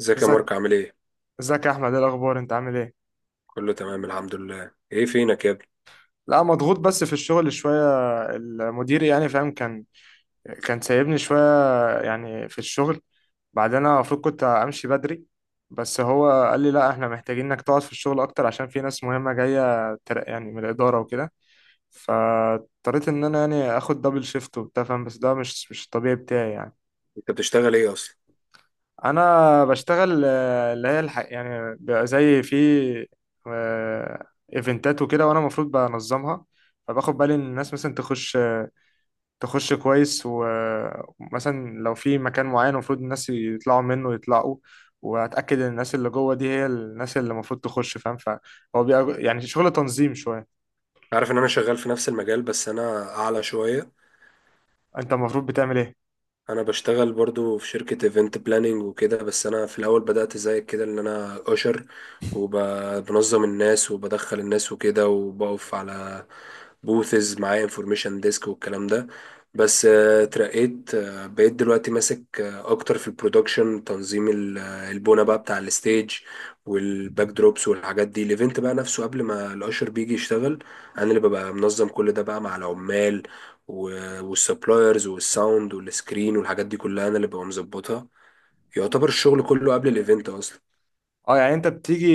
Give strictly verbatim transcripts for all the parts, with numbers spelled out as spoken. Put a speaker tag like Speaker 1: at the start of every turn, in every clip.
Speaker 1: ازيك يا
Speaker 2: ازيك.
Speaker 1: مارك عامل ايه؟
Speaker 2: ازيك يا احمد، ايه الاخبار؟ انت عامل ايه؟
Speaker 1: كله تمام الحمد لله، ايه فينك يا ابني؟
Speaker 2: لا، مضغوط بس في الشغل شويه. المدير يعني فاهم، كان كان سايبني شويه يعني في الشغل. بعدين انا المفروض كنت امشي بدري، بس هو قال لي لا، احنا محتاجين انك تقعد في الشغل اكتر عشان في ناس مهمه جايه تر- يعني من الاداره وكده. فاضطريت ان انا يعني اخد دبل شيفت وبتاع، فاهم؟ بس ده مش مش الطبيعي بتاعي يعني.
Speaker 1: انت بتشتغل ايه اصلا؟
Speaker 2: انا بشتغل آه، اللي هي الح... يعني بيبقى زي في آه، ايفنتات وكده، وانا المفروض بنظمها. فباخد بالي ان الناس مثلا تخش آه، تخش كويس، ومثلا لو في مكان معين المفروض الناس يطلعوا منه يطلعوا، واتاكد ان الناس اللي جوه دي هي الناس اللي المفروض تخش، فاهم؟ فهو بيبقى يعني شغل تنظيم شويه.
Speaker 1: عارف ان انا شغال في نفس المجال، بس انا اعلى شوية.
Speaker 2: انت المفروض بتعمل ايه؟
Speaker 1: انا بشتغل برضو في شركة ايفنت بلاننج وكده، بس انا في الاول بدأت زي كده ان انا اشر، وبنظم الناس وبدخل الناس وكده، وبقف على بوثز معايا انفورميشن ديسك والكلام ده. بس آه، اترقيت، آه، بقيت دلوقتي ماسك آه، اكتر في البرودكشن تنظيم ال- آه، البونة بقى بتاع الستيج والباك دروبس والحاجات دي. الايفنت بقى نفسه قبل ما الاشر بيجي يشتغل، انا اللي ببقى منظم كل ده بقى مع العمال والسبلايرز والساوند والسكرين والحاجات دي كلها، انا اللي ببقى مظبطها. يعتبر الشغل كله قبل الايفنت اصلا.
Speaker 2: اه يعني انت بتيجي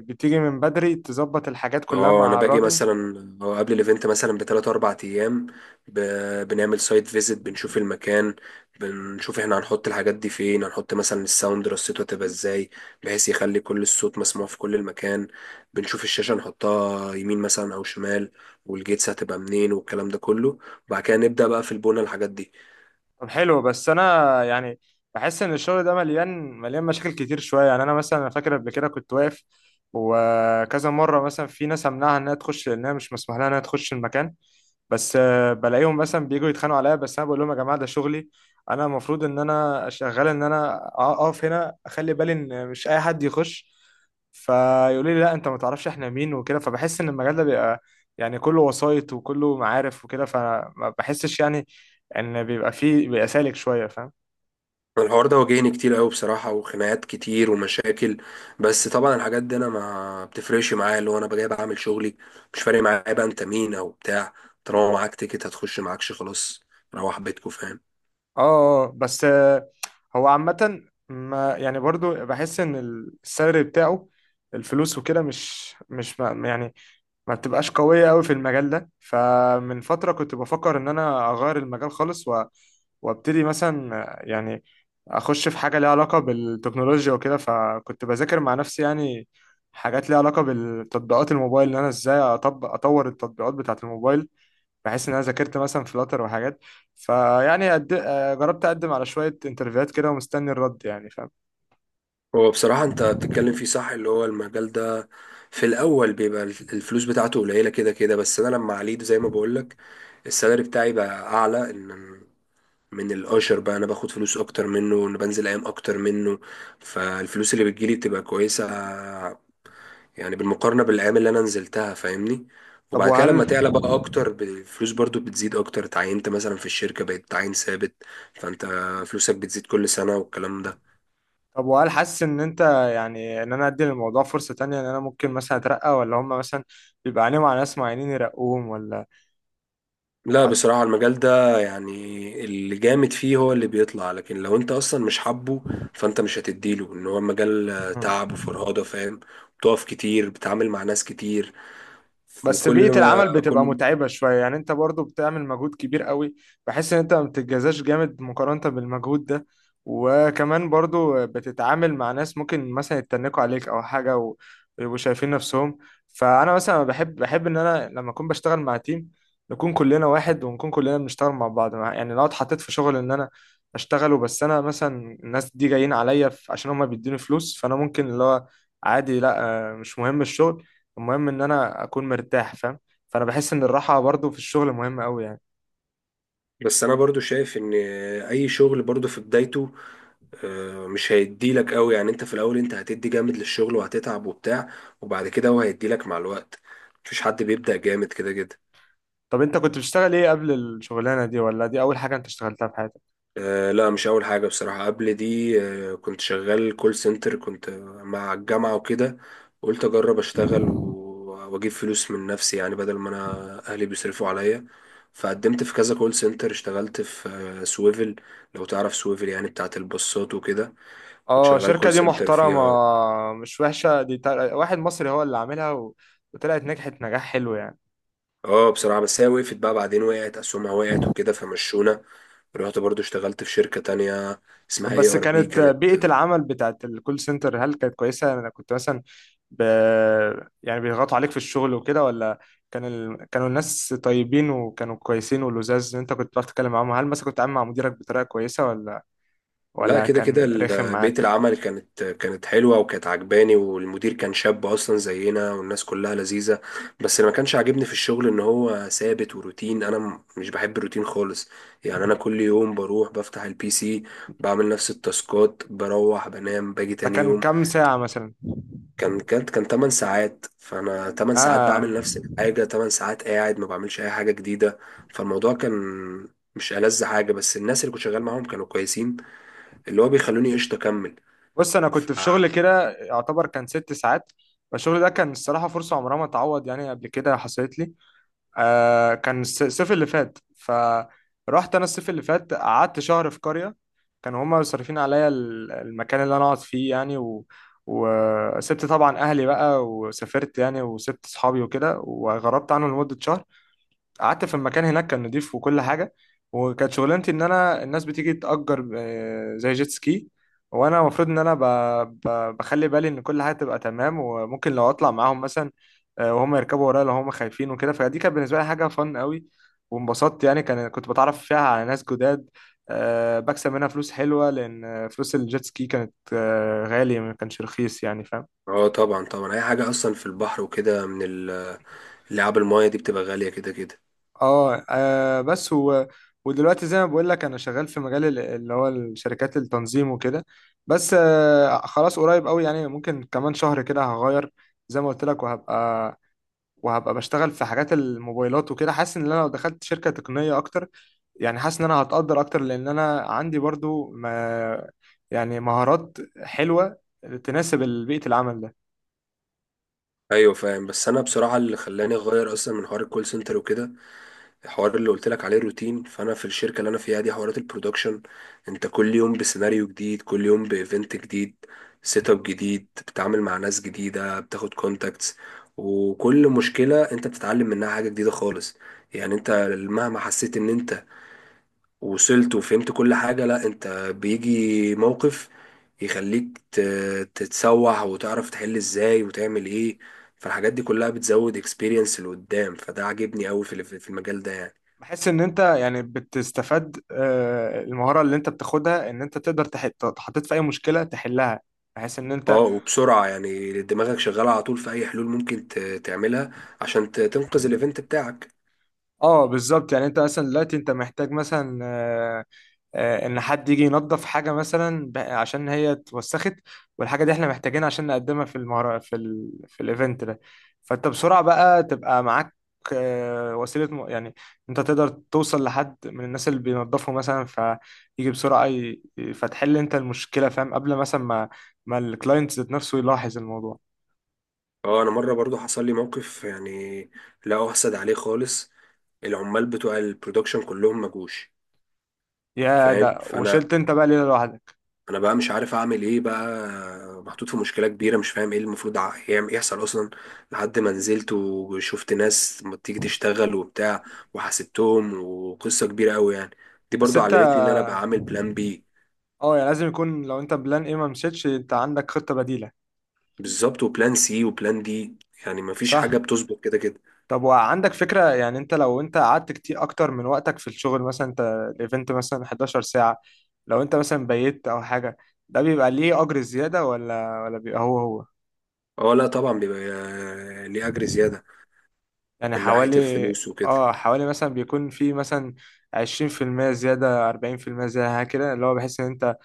Speaker 2: بتيجي من بدري تظبط الحاجات كلها
Speaker 1: اه انا
Speaker 2: مع
Speaker 1: باجي
Speaker 2: الراجل؟
Speaker 1: مثلا آه، قبل الايفنت مثلا بثلاث اربع ايام، ب- بنعمل سايت فيزيت، بنشوف المكان، بنشوف احنا هنحط الحاجات دي فين، هنحط مثلا الساوند رصيته هتبقى ازاي بحيث يخلي كل الصوت مسموع في كل المكان، بنشوف الشاشة نحطها يمين مثلا او شمال، والجيتس هتبقى منين والكلام ده كله. وبعد كده نبدأ بقى في البنى الحاجات دي.
Speaker 2: طب حلو، بس انا يعني بحس ان الشغل ده مليان مليان مشاكل كتير شويه. يعني انا مثلا، أنا فاكر قبل كده كنت واقف، وكذا مره مثلا في ناس امنعها انها تخش لانها مش مسموح لها انها تخش المكان، بس آه، بلاقيهم مثلا بييجوا يتخانقوا عليا. بس انا بقول لهم يا جماعه ده شغلي، انا المفروض ان انا شغال ان انا اقف هنا اخلي بالي ان مش اي حد يخش. فيقولوا لي لا، انت ما تعرفش احنا مين وكده. فبحس ان المجال ده بيبقى يعني كله وسايط وكله معارف وكده، فما بحسش يعني ان بيبقى فيه بيبقى سالك شويه، فاهم؟
Speaker 1: الحوار ده واجهني كتير قوي بصراحة، وخناقات كتير ومشاكل. بس طبعا الحاجات دي انا ما بتفرقش معايا، اللي هو انا جاي بعمل شغلي، مش فارق معايا بقى انت مين او بتاع، طالما معاك تيكت هتخش، معاكش خلاص روح بيتكو فاهم.
Speaker 2: اه. آه، بس آه، هو عامه، ما يعني برضو بحس ان السالري بتاعه، الفلوس وكده، مش مش ما يعني ما بتبقاش قويه قوي في المجال ده. فمن فتره كنت بفكر ان انا اغير المجال خالص، و... وابتدي مثلا آه، يعني اخش في حاجه ليها علاقه بالتكنولوجيا وكده. فكنت بذاكر مع نفسي يعني حاجات ليها علاقه بالتطبيقات الموبايل، ان انا ازاي اطبق اطور التطبيقات بتاعه الموبايل. بحيث ان انا ذاكرت مثلا فلاتر وحاجات. فيعني أد... آه، جربت اقدم على شويه انترفيوهات كده ومستني الرد، يعني فاهم.
Speaker 1: هو بصراحة انت بتتكلم فيه صح، اللي هو المجال ده في الاول بيبقى الفلوس بتاعته قليلة كده كده. بس انا لما عليت زي ما بقولك، السالري بتاعي بقى اعلى ان من الاشر، بقى انا باخد فلوس اكتر منه وانا بنزل ايام اكتر منه. فالفلوس اللي بتجيلي بتبقى كويسة، يعني بالمقارنة بالأيام اللي أنا نزلتها فاهمني.
Speaker 2: طب
Speaker 1: وبعد كده لما
Speaker 2: وهل
Speaker 1: تعلى بقى أكتر، ب- الفلوس برضو بتزيد أكتر، اتعينت مثلا في الشركة، بقيت تعين ثابت، فأنت فلوسك بتزيد كل سنة والكلام ده.
Speaker 2: طب وهل حاسس ان انت يعني ان انا ادي للموضوع فرصه تانية، ان انا ممكن مثلا اترقى، ولا هم مثلا بيبقى عليهم على ناس معينين يرقوهم ولا؟
Speaker 1: لا
Speaker 2: أ-
Speaker 1: بصراحة المجال ده يعني اللي جامد فيه هو اللي بيطلع، لكن لو أنت أصلا مش حابه فأنت مش هتديله، إن هو مجال
Speaker 2: مم.
Speaker 1: تعب وفرهدة فاهم، بتقف كتير، بتتعامل مع ناس كتير،
Speaker 2: بس
Speaker 1: وكل
Speaker 2: بيئة
Speaker 1: ما
Speaker 2: العمل بتبقى
Speaker 1: كل.
Speaker 2: متعبة شوية يعني. انت برضو بتعمل مجهود كبير قوي، بحس ان انت ما بتتجازاش جامد مقارنة بالمجهود ده. وكمان برضو بتتعامل مع ناس ممكن مثلا يتنكوا عليك او حاجة، و- ويبقوا شايفين نفسهم. فانا مثلا بحب بحب ان انا لما اكون بشتغل مع تيم نكون كلنا واحد، ونكون كلنا بنشتغل مع بعض. مع- يعني لو اتحطيت في شغل ان انا اشتغله، بس انا مثلا الناس دي جايين عليا ف- عشان هما بيدوني فلوس، فانا ممكن اللي هو عادي، لا، آه، مش مهم الشغل، المهم ان انا اكون مرتاح، فاهم؟ فانا بحس ان الراحه برضو في الشغل مهمه قوي يعني.
Speaker 1: بس أنا برضو شايف إن أي شغل برضو في بدايته آه، مش هيدي لك قوي، يعني انت في الاول انت هتدي جامد للشغل وهتتعب وبتاع، وبعد كده هو هيدي لك مع الوقت، مفيش حد بيبدأ جامد كده كده.
Speaker 2: طب انت كنت بتشتغل ايه قبل الشغلانه دي؟ ولا دي اول حاجه انت اشتغلتها في حياتك؟
Speaker 1: آه لا مش اول حاجة بصراحة، قبل دي آه كنت شغال كول سنتر، كنت مع الجامعة وكده، قلت اجرب اشتغل و- واجيب فلوس من نفسي يعني، بدل ما انا اهلي بيصرفوا عليا. فقدمت في كذا كول سنتر، اشتغلت في آه، سويفل، لو تعرف سويفل يعني بتاعت البصات وكده، كنت
Speaker 2: اه،
Speaker 1: شغال
Speaker 2: شركه
Speaker 1: كول
Speaker 2: دي
Speaker 1: سنتر
Speaker 2: محترمه.
Speaker 1: فيها.
Speaker 2: مش وحشه دي، تا- واحد مصري هو اللي عاملها و... وطلعت نجحت نجاح حلو يعني.
Speaker 1: اه بصراحة بس هي وقفت بقى بعدين، وقعت أسهمها، وقعت وكده فمشونا. رحت برضو اشتغلت في شركة تانية، اسمها
Speaker 2: طب
Speaker 1: اي
Speaker 2: بس
Speaker 1: ار بي
Speaker 2: كانت
Speaker 1: كانت.
Speaker 2: بيئه العمل بتاعت الكول سنتر هل كانت كويسه؟ يعني انا كنت مثلا ب... يعني بيضغطوا عليك في الشغل وكده، ولا كان ال... كانوا الناس طيبين وكانوا كويسين ولزاز؟ إن انت كنت بتعرف تتكلم معاهم، هل مثلا كنت عامل مع مديرك بطريقه كويسه، ولا
Speaker 1: لا
Speaker 2: ولا
Speaker 1: كده كده
Speaker 2: كان رخم
Speaker 1: ال- بيئة
Speaker 2: معاك؟
Speaker 1: العمل كانت كانت حلوة وكانت عجباني، والمدير كان شاب أصلا زينا، والناس كلها لذيذة. بس اللي ما كانش عاجبني في الشغل إن هو ثابت وروتين، أنا م- مش بحب الروتين خالص، يعني أنا كل يوم بروح بفتح البي سي، بعمل نفس التاسكات، بروح بنام، باجي
Speaker 2: ده
Speaker 1: تاني
Speaker 2: كان
Speaker 1: يوم.
Speaker 2: كام ساعة مثلا؟
Speaker 1: كان كانت كان 8 ساعات، فانا 8 ساعات
Speaker 2: اه،
Speaker 1: بعمل نفس الحاجه، 8 ساعات قاعد ما بعملش اي حاجه جديده. فالموضوع كان مش ألذ حاجه، بس الناس اللي كنت شغال معاهم كانوا كويسين، اللي هو بيخلوني قشطه اكمل.
Speaker 2: بص انا
Speaker 1: ف...
Speaker 2: كنت في شغل كده يعتبر كان ست ساعات، فالشغل ده كان الصراحة فرصة عمرها ما تعوض يعني. قبل كده حصلت لي، آه، كان الس- الصيف اللي فات، فرحت انا الصيف اللي فات قعدت شهر في قرية. كانوا هما صارفين عليا ال- المكان اللي انا اقعد فيه يعني، و... وسبت طبعا اهلي بقى وسافرت يعني، وسبت صحابي وكده وغربت عنهم لمدة شهر. قعدت في المكان هناك كان نضيف وكل حاجه، وكانت شغلانتي ان انا الناس بتيجي تأجر آه، زي جيت سكي، وانا المفروض ان انا ب... ب... بخلي بالي ان كل حاجه تبقى تمام. وممكن لو اطلع معاهم مثلا، آه، وهم يركبوا ورايا لو هم خايفين وكده. فدي كانت بالنسبه لي حاجه فن قوي وانبسطت يعني، كان كنت بتعرف فيها على ناس جداد، آه، بكسب منها فلوس حلوه، لان فلوس الجيت سكي كانت آه، غاليه، ما كانش رخيص يعني، فاهم؟
Speaker 1: اه طبعا طبعا، اي حاجه اصلا في البحر وكده من ال- اللعاب المايه دي بتبقى غاليه كده كده.
Speaker 2: اه. آه، بس و... ودلوقتي زي ما بقول لك انا شغال في مجال ال- اللي هو الشركات التنظيم وكده. بس آه، خلاص قريب قوي يعني، ممكن كمان شهر كده هغير زي ما قلت لك، وهبقى وهبقى بشتغل في حاجات الموبايلات وكده. حاسس ان انا لو دخلت شركة تقنية اكتر يعني، حاسس ان انا هتقدر اكتر، لان انا عندي برضو ما يعني مهارات حلوة تناسب بيئة العمل.
Speaker 1: ايوه فاهم، بس انا بصراحه اللي خلاني اغير اصلا من حوار الكول سنتر وكده، الحوار اللي قلت لك عليه الروتين. فانا في الشركه اللي انا فيها دي، حوارات البرودكشن انت كل يوم بسيناريو جديد، كل يوم بايفنت جديد، سيت اب جديد، بتتعامل مع ناس جديده، بتاخد كونتاكتس، وكل مشكله انت بتتعلم منها حاجه جديده خالص. يعني انت مهما حسيت ان انت وصلت وفهمت كل حاجه، لا انت بيجي موقف يخليك ت- تتسوح، وتعرف تحل ازاي وتعمل ايه. فالحاجات دي كلها بتزود اكسبيرينس لقدام، فده عاجبني قوي في في المجال ده يعني.
Speaker 2: بحس ان انت يعني بتستفاد، آه، المهاره اللي انت بتاخدها ان انت تقدر تح- تحطيت في اي مشكله تحلها، بحيث ان
Speaker 1: اه
Speaker 2: انت.
Speaker 1: وبسرعة، يعني دماغك شغالة على طول في أي حلول ممكن ت- تعملها عشان ت- تنقذ الإيفنت بتاعك.
Speaker 2: اه بالظبط. يعني انت مثلا دلوقتي انت محتاج مثلا آه، آه، ان حد يجي ينظف حاجه مثلا ب- عشان هي اتوسخت، والحاجه دي احنا محتاجينها عشان نقدمها في المهر... في ال... في الايفنت ده. فانت بسرعه بقى تبقى معاك آه، وسيله م... يعني انت تقدر توصل لحد من الناس اللي بينظفوا مثلا، فيجي بسرعه ي... فتحل انت المشكله، فاهم، قبل مثلا ما ما الكلاينت ذات نفسه يلاحظ الموضوع.
Speaker 1: اه أنا مرة برضو حصل لي موقف يعني لا أحسد عليه خالص، العمال بتوع البرودكشن كلهم مجوش
Speaker 2: يا
Speaker 1: فاهم.
Speaker 2: ده
Speaker 1: فأنا
Speaker 2: وشلت انت بقى ليله لوحدك.
Speaker 1: أنا بقى مش عارف أعمل إيه بقى، محطوط في مشكلة كبيرة، مش فاهم إيه المفروض ع- يعم- يحصل أصلا، لحد ما نزلت وشفت ناس ما تيجي تشتغل وبتاع، وحاسبتهم وقصة كبيرة أوي يعني. دي
Speaker 2: بس
Speaker 1: برضو
Speaker 2: انت،
Speaker 1: علمتني إن أنا أبقى عامل بلان بي،
Speaker 2: اه يعني لازم يكون، لو انت بلان ايه ما مشيتش انت عندك خطه بديله.
Speaker 1: بالظبط، وبلان سي وبلان دي، يعني مفيش
Speaker 2: صح.
Speaker 1: حاجة بتظبط كده كده.
Speaker 2: طب وعندك فكرة، يعني انت لو انت قعدت كتير اكتر من وقتك في الشغل، مثلا انت الايفنت مثلا حداشر ساعة، لو انت مثلا بيت او حاجة، ده بيبقى ليه اجر زيادة ولا ولا بيبقى هو هو؟
Speaker 1: اه لا طبعا بيبقى آه، ليه أجر زيادة،
Speaker 2: يعني
Speaker 1: من ناحية
Speaker 2: حوالي،
Speaker 1: الفلوس وكده.
Speaker 2: اه حوالي مثلا بيكون في مثلا عشرين بالمية زيادة، اربعين بالمية زيادة كده، اللي هو بحيث ان انت،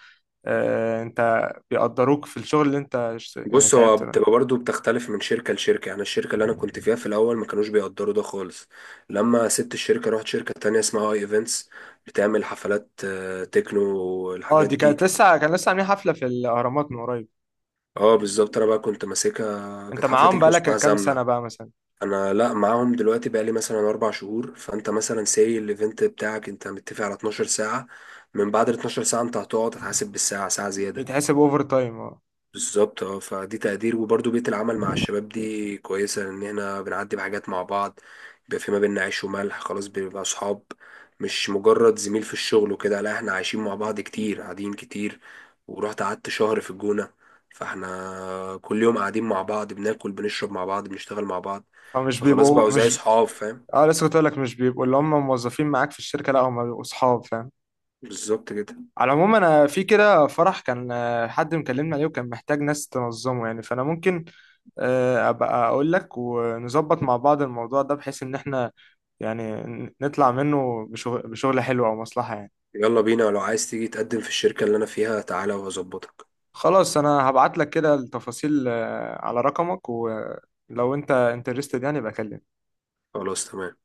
Speaker 2: آه انت بيقدروك في الشغل اللي انت اشت- يعني
Speaker 1: بص هو
Speaker 2: تعبت ده.
Speaker 1: بتبقى برضو بتختلف من شركة لشركة، يعني الشركة اللي أنا كنت فيها في الأول ما كانوش بيقدروا ده خالص. لما سبت الشركة رحت شركة تانية اسمها اي ايفنتس، بتعمل حفلات آه، تكنو
Speaker 2: اه،
Speaker 1: والحاجات
Speaker 2: دي
Speaker 1: دي.
Speaker 2: كانت لسه، كان لسه عاملين حفلة في الاهرامات من قريب.
Speaker 1: اه بالظبط، أنا بقى كنت ماسكها،
Speaker 2: انت
Speaker 1: كانت حفلة
Speaker 2: معاهم
Speaker 1: تكنو اسمها
Speaker 2: بقالك كام سنة
Speaker 1: زمنة.
Speaker 2: بقى مثلا؟
Speaker 1: انا لا، معاهم دلوقتي بقالي مثلا اربع شهور. فانت مثلا ساي الايفنت بتاعك انت متفق على 12 ساعة، من بعد ال 12 ساعة انت هتقعد هتحاسب بالساعة، ساعة زيادة.
Speaker 2: بيتحسب اوفر تايم.
Speaker 1: بالظبط اه، فدي تقدير، وبرضه بيئة العمل مع الشباب دي كويسة، لأن احنا بنعدي بحاجات مع بعض، بيبقى في ما بيننا عيش وملح، خلاص بنبقى أصحاب، مش مجرد زميل في الشغل وكده، لا احنا عايشين مع بعض كتير، قاعدين كتير. ورحت قعدت شهر في الجونة، فاحنا كل يوم قاعدين مع بعض، بناكل بنشرب مع بعض، بنشتغل مع بعض،
Speaker 2: فمش
Speaker 1: فخلاص
Speaker 2: بيبقوا
Speaker 1: بقوا زي
Speaker 2: مش،
Speaker 1: صحاب فاهم.
Speaker 2: اه لسه كنت اقول لك، مش بيبقوا اللي هم موظفين معاك في الشركه، لا هم بيبقوا اصحاب، فاهم.
Speaker 1: بالظبط كده.
Speaker 2: على العموم انا في كده فرح، كان آه، حد مكلمني عليه وكان محتاج ناس تنظمه يعني، فانا ممكن آه، ابقى اقول لك ونظبط مع بعض الموضوع ده، بحيث ان احنا يعني ن- نطلع منه بشغل, بشغل حلو او مصلحه يعني.
Speaker 1: يلا بينا، لو عايز تيجي تقدم في الشركة اللي أنا فيها تعالى وهظبطك.
Speaker 2: خلاص انا هبعت لك كده التفاصيل آه، على رقمك، ولو انت انترستد يعني بكلمك.
Speaker 1: خلاص تمام.